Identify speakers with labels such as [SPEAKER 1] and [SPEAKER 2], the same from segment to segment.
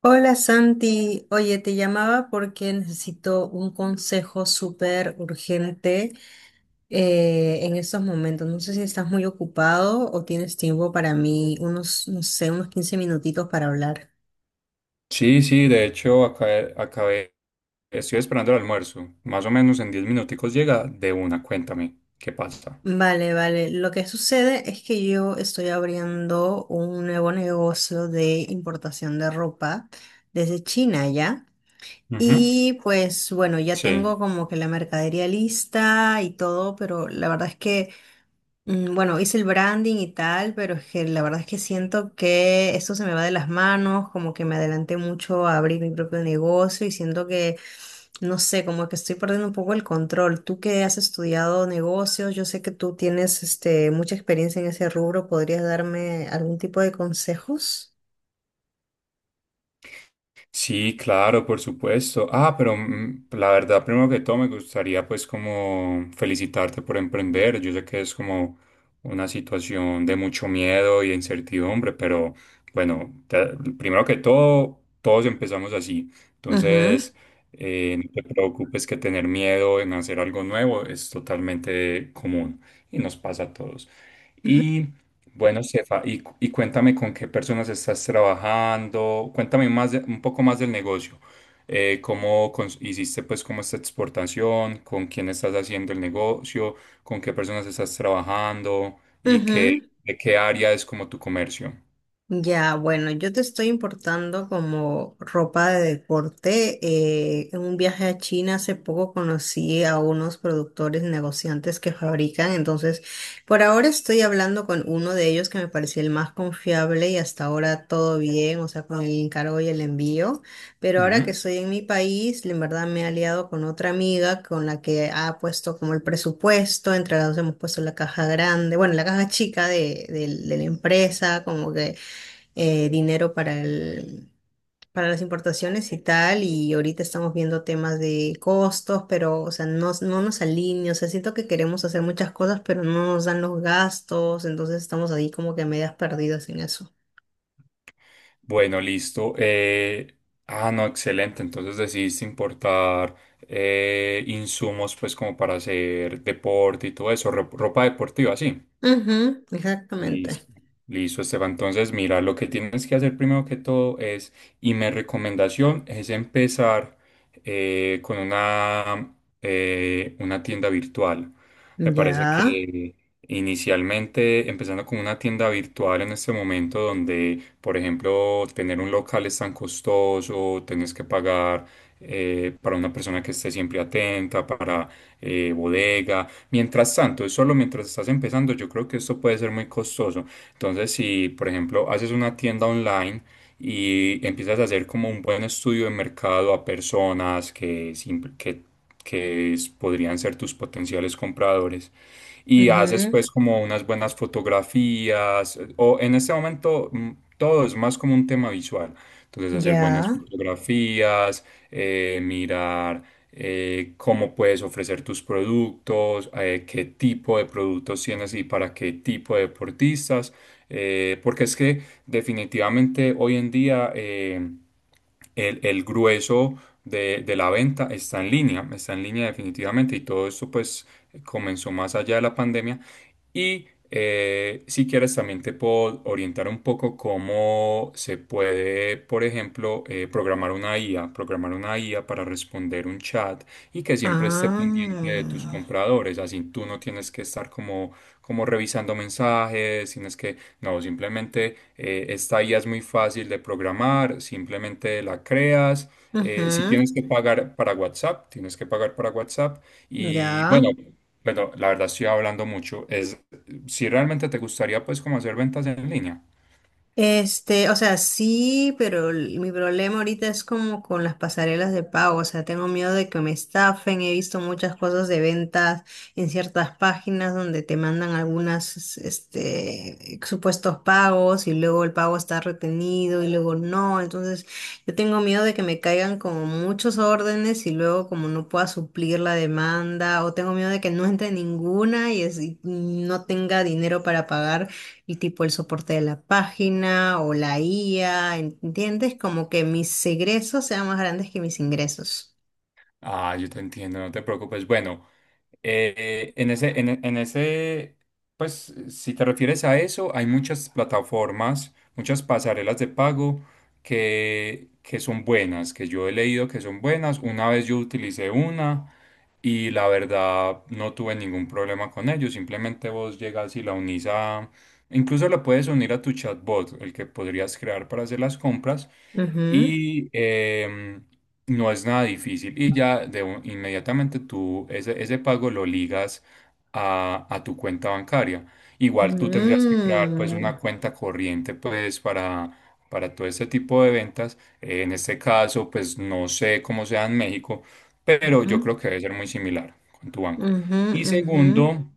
[SPEAKER 1] Hola Santi, oye, te llamaba porque necesito un consejo súper urgente en estos momentos. No sé si estás muy ocupado o tienes tiempo para mí, unos, no sé, unos 15 minutitos para hablar.
[SPEAKER 2] Sí, sí, de hecho acabé, estoy esperando el almuerzo. Más o menos en 10 minuticos llega de una, cuéntame, ¿qué pasa?
[SPEAKER 1] Vale, vale. Lo que sucede es que yo estoy abriendo un nuevo negocio de importación de ropa desde China, ¿ya?
[SPEAKER 2] Ujú.
[SPEAKER 1] Y pues bueno, ya tengo
[SPEAKER 2] Sí.
[SPEAKER 1] como que la mercadería lista y todo, pero la verdad es que. Bueno, hice el branding y tal, pero es que la verdad es que siento que esto se me va de las manos, como que me adelanté mucho a abrir mi propio negocio y siento que, no sé, como que estoy perdiendo un poco el control. Tú que has estudiado negocios, yo sé que tú tienes mucha experiencia en ese rubro, ¿podrías darme algún tipo de consejos?
[SPEAKER 2] Sí, claro, por supuesto. La verdad, primero que todo, me gustaría pues como felicitarte por emprender. Yo sé que es como una situación de mucho miedo y de incertidumbre, pero bueno, primero que todo, todos empezamos así.
[SPEAKER 1] Ujú,
[SPEAKER 2] Entonces, no te preocupes que tener miedo en hacer algo nuevo es totalmente común y nos pasa a todos.
[SPEAKER 1] ujú,
[SPEAKER 2] Y bueno, Sefa, y cuéntame con qué personas estás trabajando, cuéntame un poco más del negocio. Hiciste pues como esta exportación, ¿con quién estás haciendo el negocio, con qué personas estás trabajando y qué,
[SPEAKER 1] ujú.
[SPEAKER 2] de qué área es como tu comercio?
[SPEAKER 1] Ya, bueno, yo te estoy importando como ropa de deporte. En un viaje a China hace poco conocí a unos productores negociantes que fabrican, entonces por ahora estoy hablando con uno de ellos que me parecía el más confiable y hasta ahora todo bien, o sea, con el encargo y el envío. Pero ahora que
[SPEAKER 2] Ujú.
[SPEAKER 1] estoy en mi país, en verdad me he aliado con otra amiga con la que ha puesto como el presupuesto, entre las dos hemos puesto la caja grande, bueno, la caja chica de la empresa, como que dinero para las importaciones y tal, y ahorita estamos viendo temas de costos, pero, o sea, no, no nos alinea, o sea, siento que queremos hacer muchas cosas, pero no nos dan los gastos, entonces estamos ahí como que medias perdidas en eso.
[SPEAKER 2] Bueno, listo. No, excelente. Entonces decidiste importar insumos pues como para hacer deporte y todo eso, ropa deportiva, sí.
[SPEAKER 1] Ujú, exactamente.
[SPEAKER 2] Listo. Listo, Esteban. Entonces, mira, lo que tienes que hacer primero que todo es, y mi recomendación es empezar eh, con una, una tienda virtual. Me parece
[SPEAKER 1] Ya.
[SPEAKER 2] que inicialmente, empezando con una tienda virtual en este momento donde, por ejemplo, tener un local es tan costoso, tienes que pagar para una persona que esté siempre atenta, para bodega. Mientras tanto, es solo mientras estás empezando, yo creo que esto puede ser muy costoso. Entonces, si, por ejemplo, haces una tienda online y empiezas a hacer como un buen estudio de mercado a personas que, podrían ser tus potenciales compradores, y haces
[SPEAKER 1] Ujú.
[SPEAKER 2] pues como unas buenas fotografías o en este momento todo es más como un tema visual. Entonces hacer buenas
[SPEAKER 1] Ya.
[SPEAKER 2] fotografías, mirar cómo puedes ofrecer tus productos, qué tipo de productos tienes y para qué tipo de deportistas, porque es que definitivamente hoy en día el grueso de la venta está en línea definitivamente y todo esto pues comenzó más allá de la pandemia. Y si quieres, también te puedo orientar un poco cómo se puede, por ejemplo, programar una IA para responder un chat y que siempre esté pendiente de tus
[SPEAKER 1] Ah.
[SPEAKER 2] compradores. Así tú no tienes que estar como revisando mensajes, tienes que, no, simplemente esta IA es muy fácil de programar, simplemente la creas. Si
[SPEAKER 1] Ujú.
[SPEAKER 2] tienes que pagar para WhatsApp, tienes que pagar para WhatsApp. Y
[SPEAKER 1] Ya.
[SPEAKER 2] bueno, bueno, la verdad estoy hablando mucho. Es si realmente te gustaría pues como hacer ventas en línea.
[SPEAKER 1] O sea, sí, pero mi problema ahorita es como con las pasarelas de pago, o sea, tengo miedo de que me estafen, he visto muchas cosas de ventas en ciertas páginas donde te mandan algunas, supuestos pagos y luego el pago está retenido y luego no, entonces yo tengo miedo de que me caigan como muchos órdenes y luego como no pueda suplir la demanda o tengo miedo de que no entre ninguna y no tenga dinero para pagar y tipo el soporte de la página o la IA, ¿entiendes? Como que mis egresos sean más grandes que mis ingresos.
[SPEAKER 2] Ah, yo te entiendo, no te preocupes. Bueno, en ese, pues si te refieres a eso, hay muchas plataformas, muchas pasarelas de pago que son buenas, que yo he leído que son buenas. Una vez yo utilicé una y la verdad no tuve ningún problema con ello. Simplemente vos llegas y la unís a... Incluso la puedes unir a tu chatbot, el que podrías crear para hacer las compras
[SPEAKER 1] Ujú.
[SPEAKER 2] y no es nada difícil. Y ya inmediatamente tú ese pago lo ligas a tu cuenta bancaria. Igual tú tendrías que crear pues una
[SPEAKER 1] Mm.
[SPEAKER 2] cuenta corriente pues para todo este tipo de ventas. En este caso pues no sé cómo sea en México, pero yo
[SPEAKER 1] Ujú,
[SPEAKER 2] creo que debe ser muy similar con tu banco.
[SPEAKER 1] ujú,
[SPEAKER 2] Y
[SPEAKER 1] ujú,
[SPEAKER 2] segundo,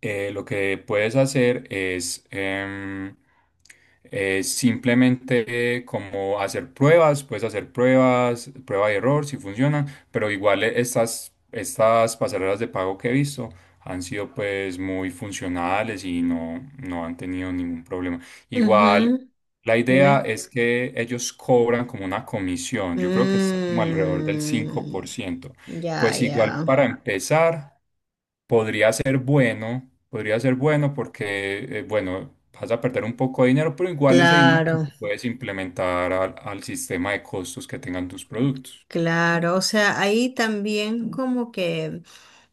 [SPEAKER 2] lo que puedes hacer es em, simplemente como hacer pruebas, puedes hacer pruebas, prueba y error si funcionan, pero igual estas pasarelas de pago que he visto han sido pues muy funcionales y no, no han tenido ningún problema. Igual
[SPEAKER 1] ujú.
[SPEAKER 2] la idea
[SPEAKER 1] Dime.
[SPEAKER 2] es que ellos cobran como una comisión, yo creo que está como alrededor del cinco por
[SPEAKER 1] Mm.
[SPEAKER 2] ciento.
[SPEAKER 1] Ya,
[SPEAKER 2] Pues igual
[SPEAKER 1] ya.
[SPEAKER 2] para empezar, podría ser bueno porque, bueno, vas a perder un poco de dinero, pero igual ese dinero se lo
[SPEAKER 1] Claro,
[SPEAKER 2] puedes implementar al, al sistema de costos que tengan tus productos.
[SPEAKER 1] claro. O sea, ahí también como que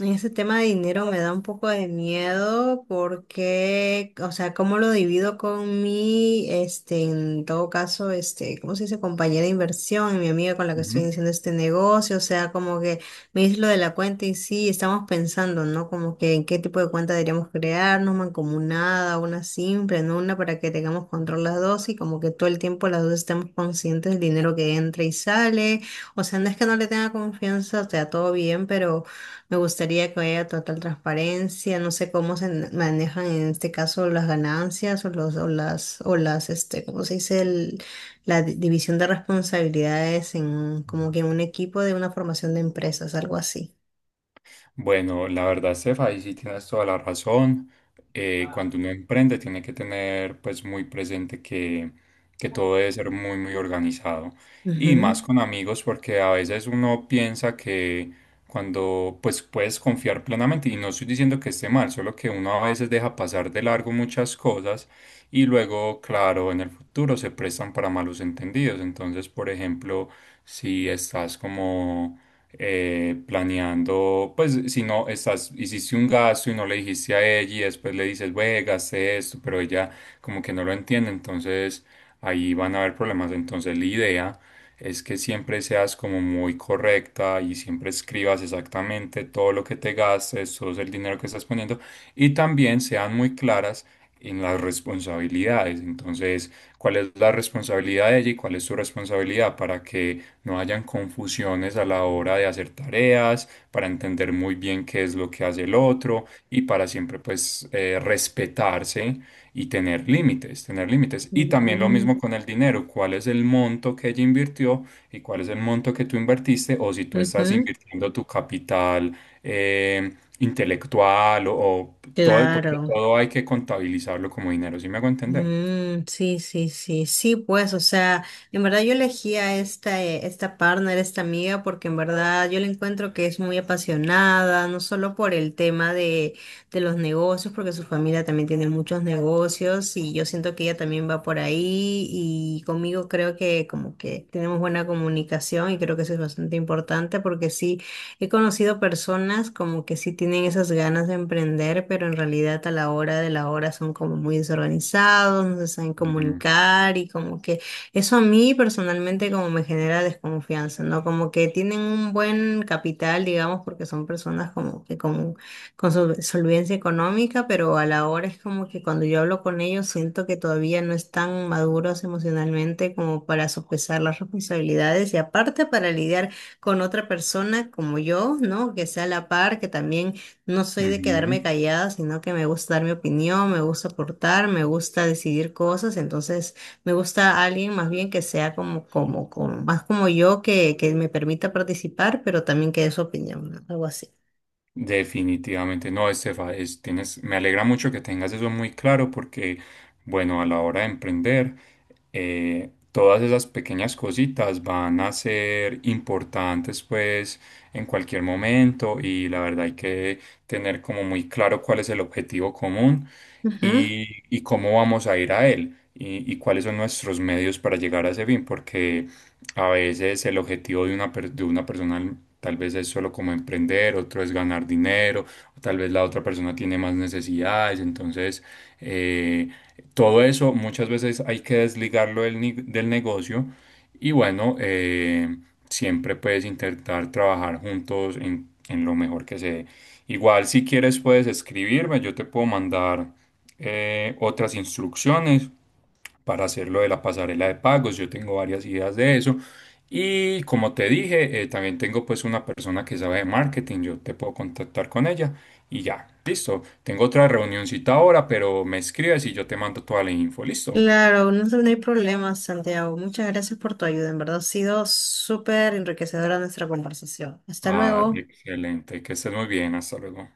[SPEAKER 1] ese tema de dinero me da un poco de miedo porque, o sea, cómo lo divido con mi, en todo caso, ¿cómo se dice? Compañera de inversión, y mi amiga con la que estoy iniciando este negocio, o sea, como que me dice lo de la cuenta y sí, estamos pensando, ¿no? Como que en qué tipo de cuenta deberíamos crearnos, mancomunada, una simple, ¿no? Una para que tengamos control las dos y como que todo el tiempo las dos estemos conscientes del dinero que entra y sale, o sea, no es que no le tenga confianza, o sea, todo bien. Me gustaría que haya total transparencia. No sé cómo manejan en este caso las ganancias o los o las ¿cómo se dice? La división de responsabilidades en como que en un equipo de una formación de empresas, algo así.
[SPEAKER 2] Bueno, la verdad, Estefa, ahí sí tienes toda la razón. Cuando uno emprende, tiene que tener pues muy presente que todo debe ser muy, muy organizado. Y más
[SPEAKER 1] Ujú.
[SPEAKER 2] con amigos, porque a veces uno piensa que cuando pues puedes confiar plenamente, y no estoy diciendo que esté mal, solo que uno a veces deja pasar de largo muchas cosas y luego, claro, en el futuro se prestan para malos entendidos. Entonces, por ejemplo, si estás como planeando, pues si no estás, hiciste un gasto y no le dijiste a ella y después le dices, güey, gasté esto, pero ella como que no lo entiende, entonces ahí van a haber problemas. Entonces la idea es que siempre seas como muy correcta y siempre escribas exactamente todo lo que te gastes, todo el dinero que estás poniendo y también sean muy claras en las responsabilidades. Entonces, ¿cuál es la responsabilidad de ella y cuál es su responsabilidad para que no hayan confusiones a la hora de hacer tareas, para entender muy bien qué es lo que hace el otro y para siempre pues respetarse y tener límites, tener límites? Y también lo
[SPEAKER 1] Mm,
[SPEAKER 2] mismo con el dinero, cuál es el monto que ella invirtió y cuál es el monto que tú invertiste o si tú estás
[SPEAKER 1] ujú.
[SPEAKER 2] invirtiendo tu capital eh, intelectual o todo, porque
[SPEAKER 1] Claro.
[SPEAKER 2] todo hay que contabilizarlo como dinero, ¿sí me hago entender?
[SPEAKER 1] Mm, sí, sí, sí, sí, pues, o sea, en verdad yo elegí a esta partner, esta amiga, porque en verdad yo le encuentro que es muy apasionada, no solo por el tema de los negocios, porque su familia también tiene muchos negocios y yo siento que ella también va por ahí y conmigo creo que como que tenemos buena comunicación y creo que eso es bastante importante porque sí. He conocido personas como que sí tienen esas ganas de emprender, pero en realidad a la hora de la hora son como muy desorganizados, no se saben
[SPEAKER 2] Ujú,
[SPEAKER 1] comunicar y como que eso a mí personalmente como me genera desconfianza, ¿no? Como que tienen un buen capital, digamos, porque son personas como que con solvencia económica, pero a la hora es como que cuando yo hablo con ellos siento que todavía no están maduros emocionalmente como para sopesar las responsabilidades y aparte para lidiar con otra persona como yo, ¿no? Que sea a la par, que también no soy de quedarme
[SPEAKER 2] ujú.
[SPEAKER 1] callada, sino que me gusta dar mi opinión, me gusta aportar, me gusta decidir cosas, entonces me gusta alguien más bien que sea como más como yo, que me permita participar, pero también que dé su opinión, ¿no? Algo así.
[SPEAKER 2] Definitivamente no, Estefa, es, tienes, me alegra mucho que tengas eso muy claro porque, bueno, a la hora de emprender, todas esas pequeñas cositas van a ser importantes pues en cualquier momento y la verdad hay que tener como muy claro cuál es el objetivo común
[SPEAKER 1] Ujú.
[SPEAKER 2] y cómo vamos a ir a él y cuáles son nuestros medios para llegar a ese fin, porque a veces el objetivo de una, de una persona tal vez es solo como emprender, otro es ganar dinero, o tal vez la otra persona tiene más necesidades. Entonces, eh, todo eso muchas veces hay que desligarlo del, del negocio y bueno, siempre puedes intentar trabajar juntos en lo mejor que se dé. Igual si quieres puedes escribirme, yo te puedo mandar otras instrucciones para hacer lo de la pasarela de pagos. Yo tengo varias ideas de eso. Y como te dije, también tengo pues una persona que sabe de marketing. Yo te puedo contactar con ella y ya, listo. Tengo otra reunioncita ahora, pero me escribes y yo te mando toda la info, listo.
[SPEAKER 1] Claro, no, no hay problema, Santiago. Muchas gracias por tu ayuda. En verdad ha sido súper enriquecedora nuestra conversación. Hasta
[SPEAKER 2] Ah,
[SPEAKER 1] luego.
[SPEAKER 2] excelente, que estés muy bien, hasta luego.